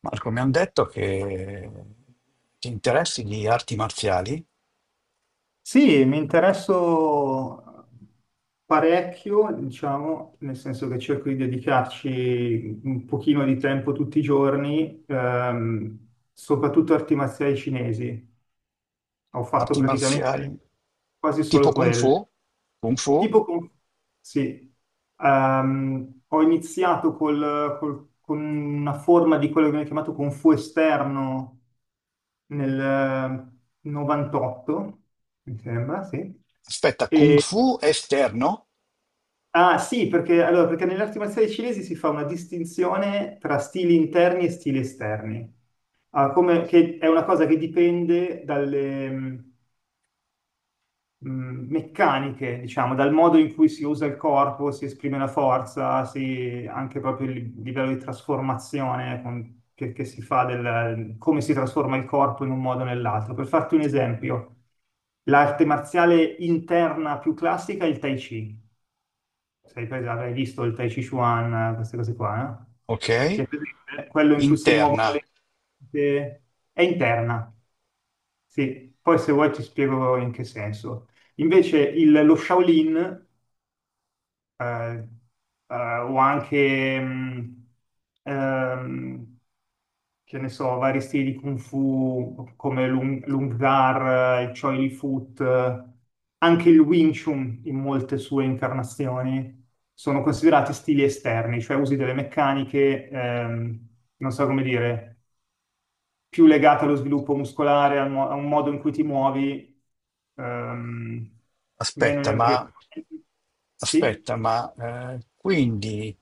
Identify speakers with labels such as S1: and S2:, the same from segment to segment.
S1: Marco, mi hanno detto che ti interessi di
S2: Sì, mi interesso parecchio, diciamo, nel senso che cerco di dedicarci un pochino di tempo tutti i giorni, soprattutto arti marziali cinesi. Ho fatto
S1: arti
S2: praticamente
S1: marziali
S2: quasi
S1: tipo
S2: solo
S1: Kung Fu,
S2: quelle.
S1: Kung Fu,
S2: Tipo con... Sì. Ho iniziato con una forma di quello che viene chiamato Kung Fu esterno nel 98, mi sembra, sì.
S1: aspetta, Kung
S2: E
S1: Fu esterno,
S2: ah sì, perché, allora, perché nelle arti marziali cinesi si fa una distinzione tra stili interni e stili esterni. Ah, che è una cosa che dipende dalle meccaniche, diciamo, dal modo in cui si usa il corpo, si esprime la forza, anche proprio il livello di trasformazione che si fa, del, come si trasforma il corpo in un modo o nell'altro. Per farti un esempio, l'arte marziale interna più classica è il Tai Chi. Avrai visto il Tai Chi Chuan, queste cose qua, no? Cioè,
S1: ok?
S2: presente? Quello in cui si muovono
S1: Interna,
S2: le le- è interna, sì. Poi se vuoi ti spiego in che senso. Invece lo Shaolin, eh, eh, o anche ehm, che ne so, vari stili di Kung Fu come Lung, Lung Zar, il Choi Li Foot, anche il Wing Chun in molte sue incarnazioni sono considerati stili esterni, cioè usi delle meccaniche, non so come dire, più legate allo sviluppo muscolare, al a un modo in cui ti muovi, ehm, meno
S1: aspetta, ma,
S2: energia. Sì?
S1: aspetta, ma, quindi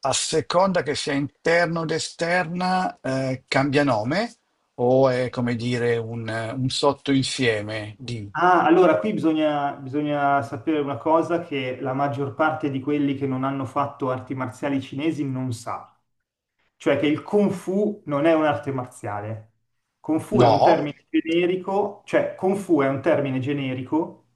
S1: a seconda che sia interno ed esterna, cambia nome o è come dire un sottoinsieme di...
S2: Ah, allora qui bisogna sapere una cosa che la maggior parte di quelli che non hanno fatto arti marziali cinesi non sa, cioè che il Kung Fu non è un'arte marziale. Kung Fu è un
S1: No?
S2: termine generico, cioè Kung Fu è un termine generico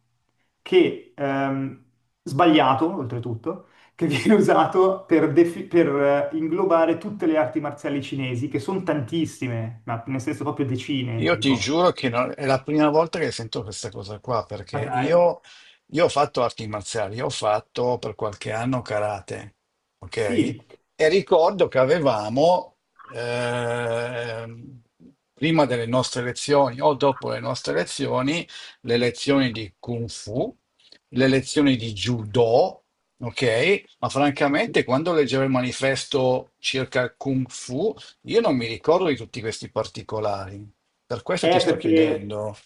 S2: che, sbagliato oltretutto, che viene usato per, inglobare tutte le arti marziali cinesi, che sono tantissime, ma nel senso proprio decine,
S1: Io ti
S2: tipo.
S1: giuro che è la prima volta che sento questa cosa qua, perché
S2: Ma dai.
S1: io ho fatto arti marziali, ho fatto per qualche anno karate, ok?
S2: Sì.
S1: E ricordo che avevamo, ehm, prima delle nostre lezioni o dopo le nostre lezioni, le lezioni di Kung Fu, le lezioni di Judo, ok? Ma francamente, quando leggevo il manifesto circa il Kung Fu, io non mi ricordo di tutti questi particolari. Per questo ti sto
S2: Perché
S1: chiedendo.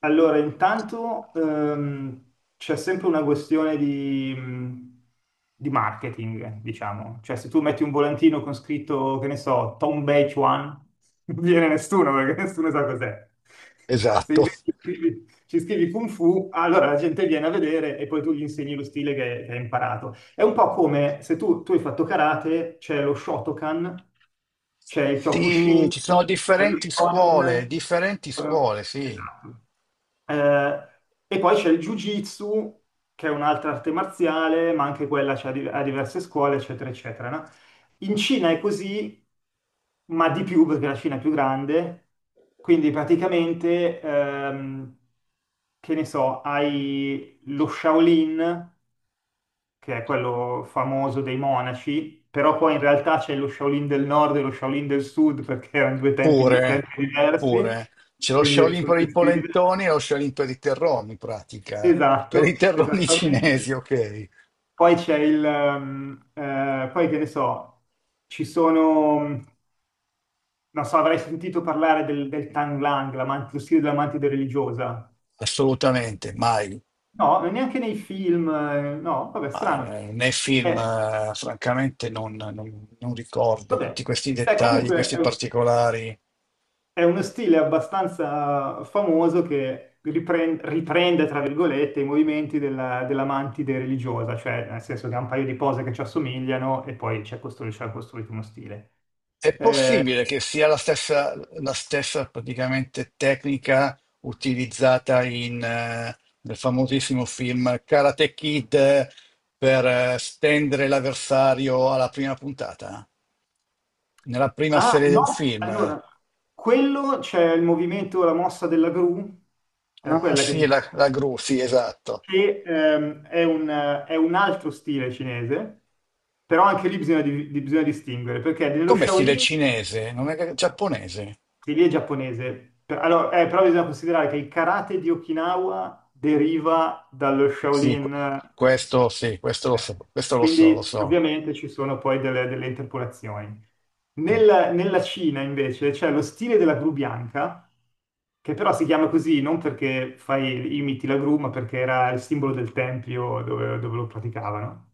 S2: allora, intanto c'è sempre una questione di marketing, diciamo. Cioè, se tu metti un volantino con scritto, che ne so, Tom Beach One, non viene nessuno perché nessuno sa cos'è. Se
S1: Esatto.
S2: invece ci scrivi Kung Fu, allora la gente viene a vedere e poi tu gli insegni lo stile che hai imparato. È un po' come se tu hai fatto karate, c'è lo Shotokan, c'è il
S1: Sì,
S2: Kyokushin,
S1: ci sono
S2: c'è lo Shonin.
S1: differenti
S2: eh,
S1: scuole, sì.
S2: Esatto. Eh, e poi c'è il Jiu-Jitsu, che è un'altra arte marziale, ma anche quella c'è a diverse scuole, eccetera, eccetera, no? In Cina è così, ma di più perché la Cina è più grande, quindi praticamente, che ne so, hai lo Shaolin, che è quello famoso dei monaci, però poi in realtà c'è lo Shaolin del nord e lo Shaolin del sud perché erano due tempi
S1: Pure,
S2: tempi diversi,
S1: pure. C'è lo
S2: quindi
S1: Shaolin
S2: sono
S1: per i
S2: due stili diversi.
S1: polentoni e lo Shaolin per i terroni, in pratica. Per i
S2: Esatto,
S1: terroni cinesi,
S2: esattamente.
S1: ok.
S2: Poi c'è il, poi che ne so, ci sono, non so, avrai sentito parlare del, del Tang Lang, lo stile dell'amantide religiosa.
S1: Assolutamente, mai.
S2: No, non neanche nei film, no, vabbè,
S1: Ma
S2: strano.
S1: nei film,
S2: Eh,
S1: francamente, non ricordo
S2: vabbè,
S1: tutti questi
S2: beh,
S1: dettagli,
S2: comunque,
S1: questi particolari.
S2: è uno stile abbastanza famoso che riprende, tra virgolette, i movimenti della, della mantide religiosa, cioè nel senso che ha un paio di pose che ci assomigliano e poi ci ha costruito uno stile.
S1: È
S2: Eh,
S1: possibile che sia la stessa praticamente tecnica utilizzata in, nel famosissimo film Karate Kid per stendere l'avversario alla prima puntata, nella prima
S2: ah,
S1: serie
S2: no,
S1: del film.
S2: allora, quello c'è il movimento, la mossa della gru, era
S1: Ah
S2: quella che
S1: sì, la, la
S2: dicevo,
S1: gru, sì, esatto.
S2: che è un altro stile cinese, però anche lì bisogna, bisogna distinguere, perché nello
S1: Come stile
S2: Shaolin
S1: cinese, non è che- giapponese.
S2: sì, lì è giapponese. Allora, però bisogna considerare che il karate di Okinawa deriva dallo
S1: Sì,
S2: Shaolin,
S1: questo sì,
S2: eh,
S1: questo lo so, lo
S2: quindi
S1: so.
S2: ovviamente ci sono poi delle, delle interpolazioni.
S1: Mm.
S2: Nella Cina invece c'è lo stile della gru bianca, che però si chiama così non perché fai, imiti la gru, ma perché era il simbolo del tempio dove lo praticavano.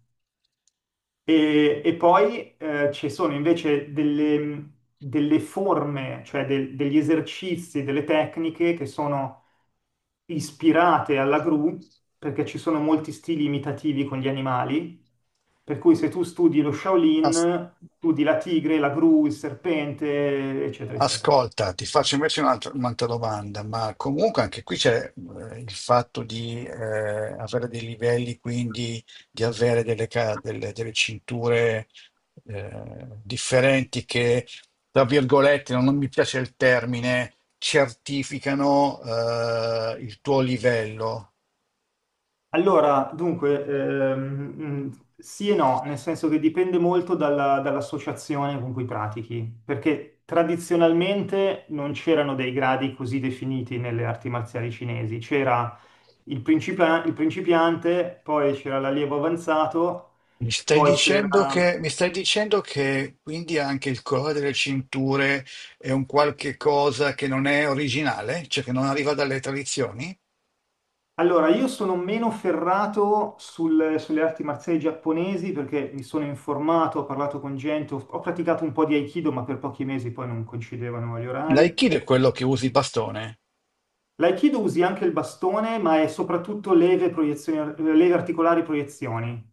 S2: E poi ci sono invece delle, delle forme, cioè degli esercizi, delle tecniche che sono ispirate alla gru, perché ci sono molti stili imitativi con gli animali. Per cui se tu studi lo
S1: As-
S2: Shaolin, studi la tigre, la gru, il serpente, eccetera, eccetera.
S1: Ascolta, ti faccio invece un'altra domanda, ma comunque anche qui c'è il fatto di avere dei livelli, quindi di avere delle, delle cinture differenti che, tra virgolette, non mi piace il termine, certificano il tuo livello.
S2: Allora, dunque, sì e no, nel senso che dipende molto dall'associazione con cui pratichi, perché tradizionalmente non c'erano dei gradi così definiti nelle arti marziali cinesi, c'era il principiante, poi c'era l'allievo avanzato, poi c'era...
S1: Mi stai dicendo che quindi anche il colore delle cinture è un qualche cosa che non è originale, cioè che non arriva dalle tradizioni?
S2: Allora, io sono meno ferrato sulle arti marziali giapponesi perché mi sono informato, ho parlato con gente, ho, ho praticato un po' di Aikido, ma per pochi mesi poi non coincidevano gli orari.
S1: L'aikido è quello che usi il bastone,
S2: L'aikido usi anche il bastone, ma è soprattutto leve, leve articolari proiezioni.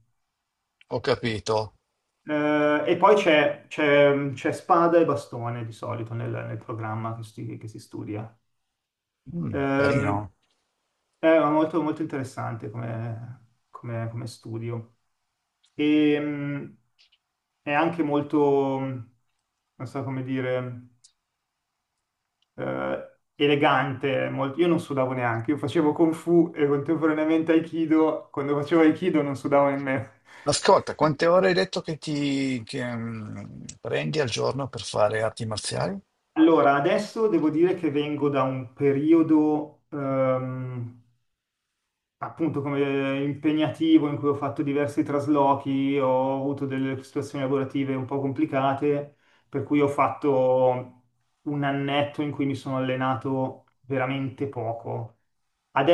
S1: ho capito.
S2: E poi c'è spada e bastone di solito nel, nel programma che si studia.
S1: Mm,
S2: Ehm,
S1: carino.
S2: è molto, molto interessante come, come studio. E, è anche molto, non so come dire, eh, elegante. Io non sudavo neanche, io facevo Kung Fu e contemporaneamente Aikido. Quando facevo Aikido non sudavo nemmeno.
S1: Ascolta, quante ore hai detto che prendi al giorno per fare arti marziali?
S2: Allora, adesso devo dire che vengo da un periodo, appunto come impegnativo in cui ho fatto diversi traslochi, ho avuto delle situazioni lavorative un po' complicate, per cui ho fatto un annetto in cui mi sono allenato veramente poco.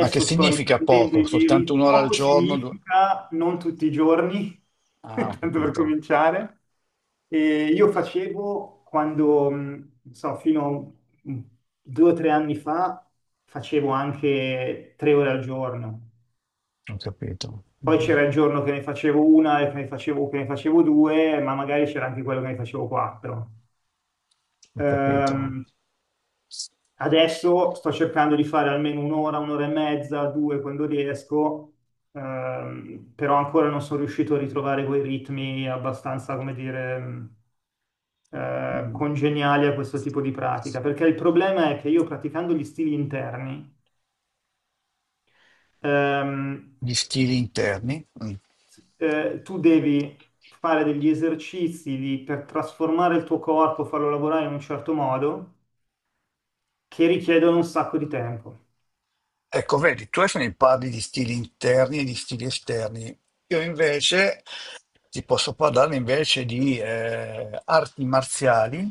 S1: Ma che
S2: sto
S1: significa
S2: riprendendo
S1: poco?
S2: i miei
S1: Soltanto
S2: ritmi.
S1: un'ora al
S2: Poco
S1: giorno? Due-
S2: significa non tutti i giorni,
S1: Ah,
S2: tanto per cominciare. E io facevo quando, non so, fino a un- 2 o 3 anni fa, facevo anche 3 ore al giorno.
S1: ho capito,
S2: Poi
S1: mhm,
S2: c'era il giorno che ne facevo una e che ne facevo due, ma magari c'era anche quello che ne facevo quattro.
S1: ho capito.
S2: Ehm, adesso sto cercando di fare almeno un'ora, un'ora e mezza, due quando riesco, però ancora non sono riuscito a ritrovare quei ritmi abbastanza, come dire,
S1: Mhm.
S2: congeniali a questo tipo di pratica, perché il problema è che io praticando gli stili interni, ehm,
S1: Gli stili interni? Mm.
S2: sì. Tu devi fare degli esercizi per trasformare il tuo corpo, farlo lavorare in un certo modo, che richiedono un sacco di tempo.
S1: Ecco, vedi, tu adesso mi parli di stili interni e di stili esterni. Io invece ti posso parlare invece di arti marziali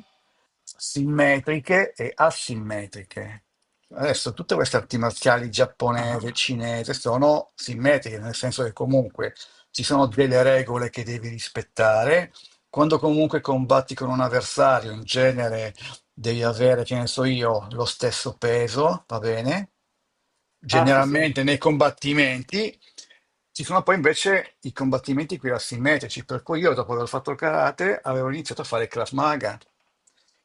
S1: simmetriche e asimmetriche. Adesso tutte queste arti marziali giapponese,
S2: Ah,
S1: cinese sono simmetriche, nel senso che comunque ci sono delle regole che devi rispettare. Quando comunque combatti con un avversario, in genere devi avere, che ne so io, lo stesso peso, va bene?
S2: ah, sì, sì,
S1: Generalmente nei combattimenti ci sono poi invece i combattimenti qui asimmetrici, per cui io dopo aver fatto il karate avevo iniziato a fare il Krav Maga,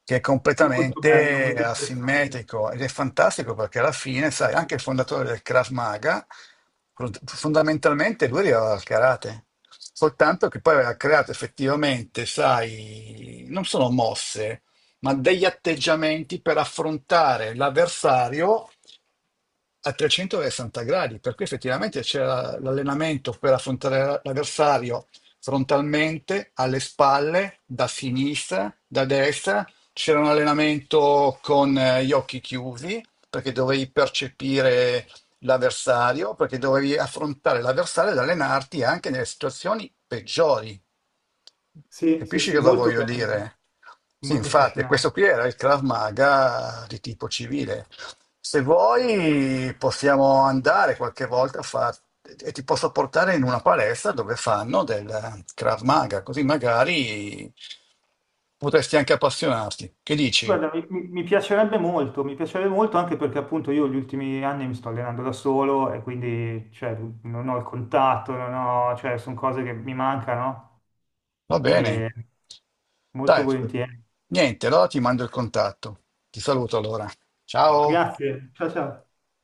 S1: che è
S2: molto bello, molto
S1: completamente
S2: interessante.
S1: asimmetrico ed è fantastico perché alla fine, sai, anche il fondatore del Krav Maga, fondamentalmente lui arrivava al karate. Soltanto che poi aveva creato effettivamente, sai, non sono mosse, ma degli atteggiamenti per affrontare l'avversario a 360 gradi. Per cui effettivamente c'era l'allenamento per affrontare l'avversario frontalmente, alle spalle, da sinistra, da destra. C'era un allenamento con gli occhi chiusi, perché dovevi percepire l'avversario, perché dovevi affrontare l'avversario ed allenarti anche nelle situazioni peggiori.
S2: Sì, sì,
S1: Capisci
S2: sì,
S1: cosa
S2: molto
S1: voglio
S2: bello,
S1: dire? Sì,
S2: molto
S1: infatti, questo
S2: affascinante.
S1: qui era il Krav Maga di tipo civile. Se vuoi, possiamo andare qualche volta a fare e ti posso portare in una palestra dove fanno del Krav Maga, così magari potresti anche appassionarti. Che dici?
S2: Guarda, mi piacerebbe molto anche perché appunto io gli ultimi anni mi sto allenando da solo e quindi cioè, non ho il contatto, non ho, cioè, sono cose che mi mancano
S1: Va bene.
S2: e molto
S1: Dai,
S2: volentieri.
S1: niente, allora ti mando il contatto. Ti saluto allora. Ciao.
S2: Grazie, ciao ciao.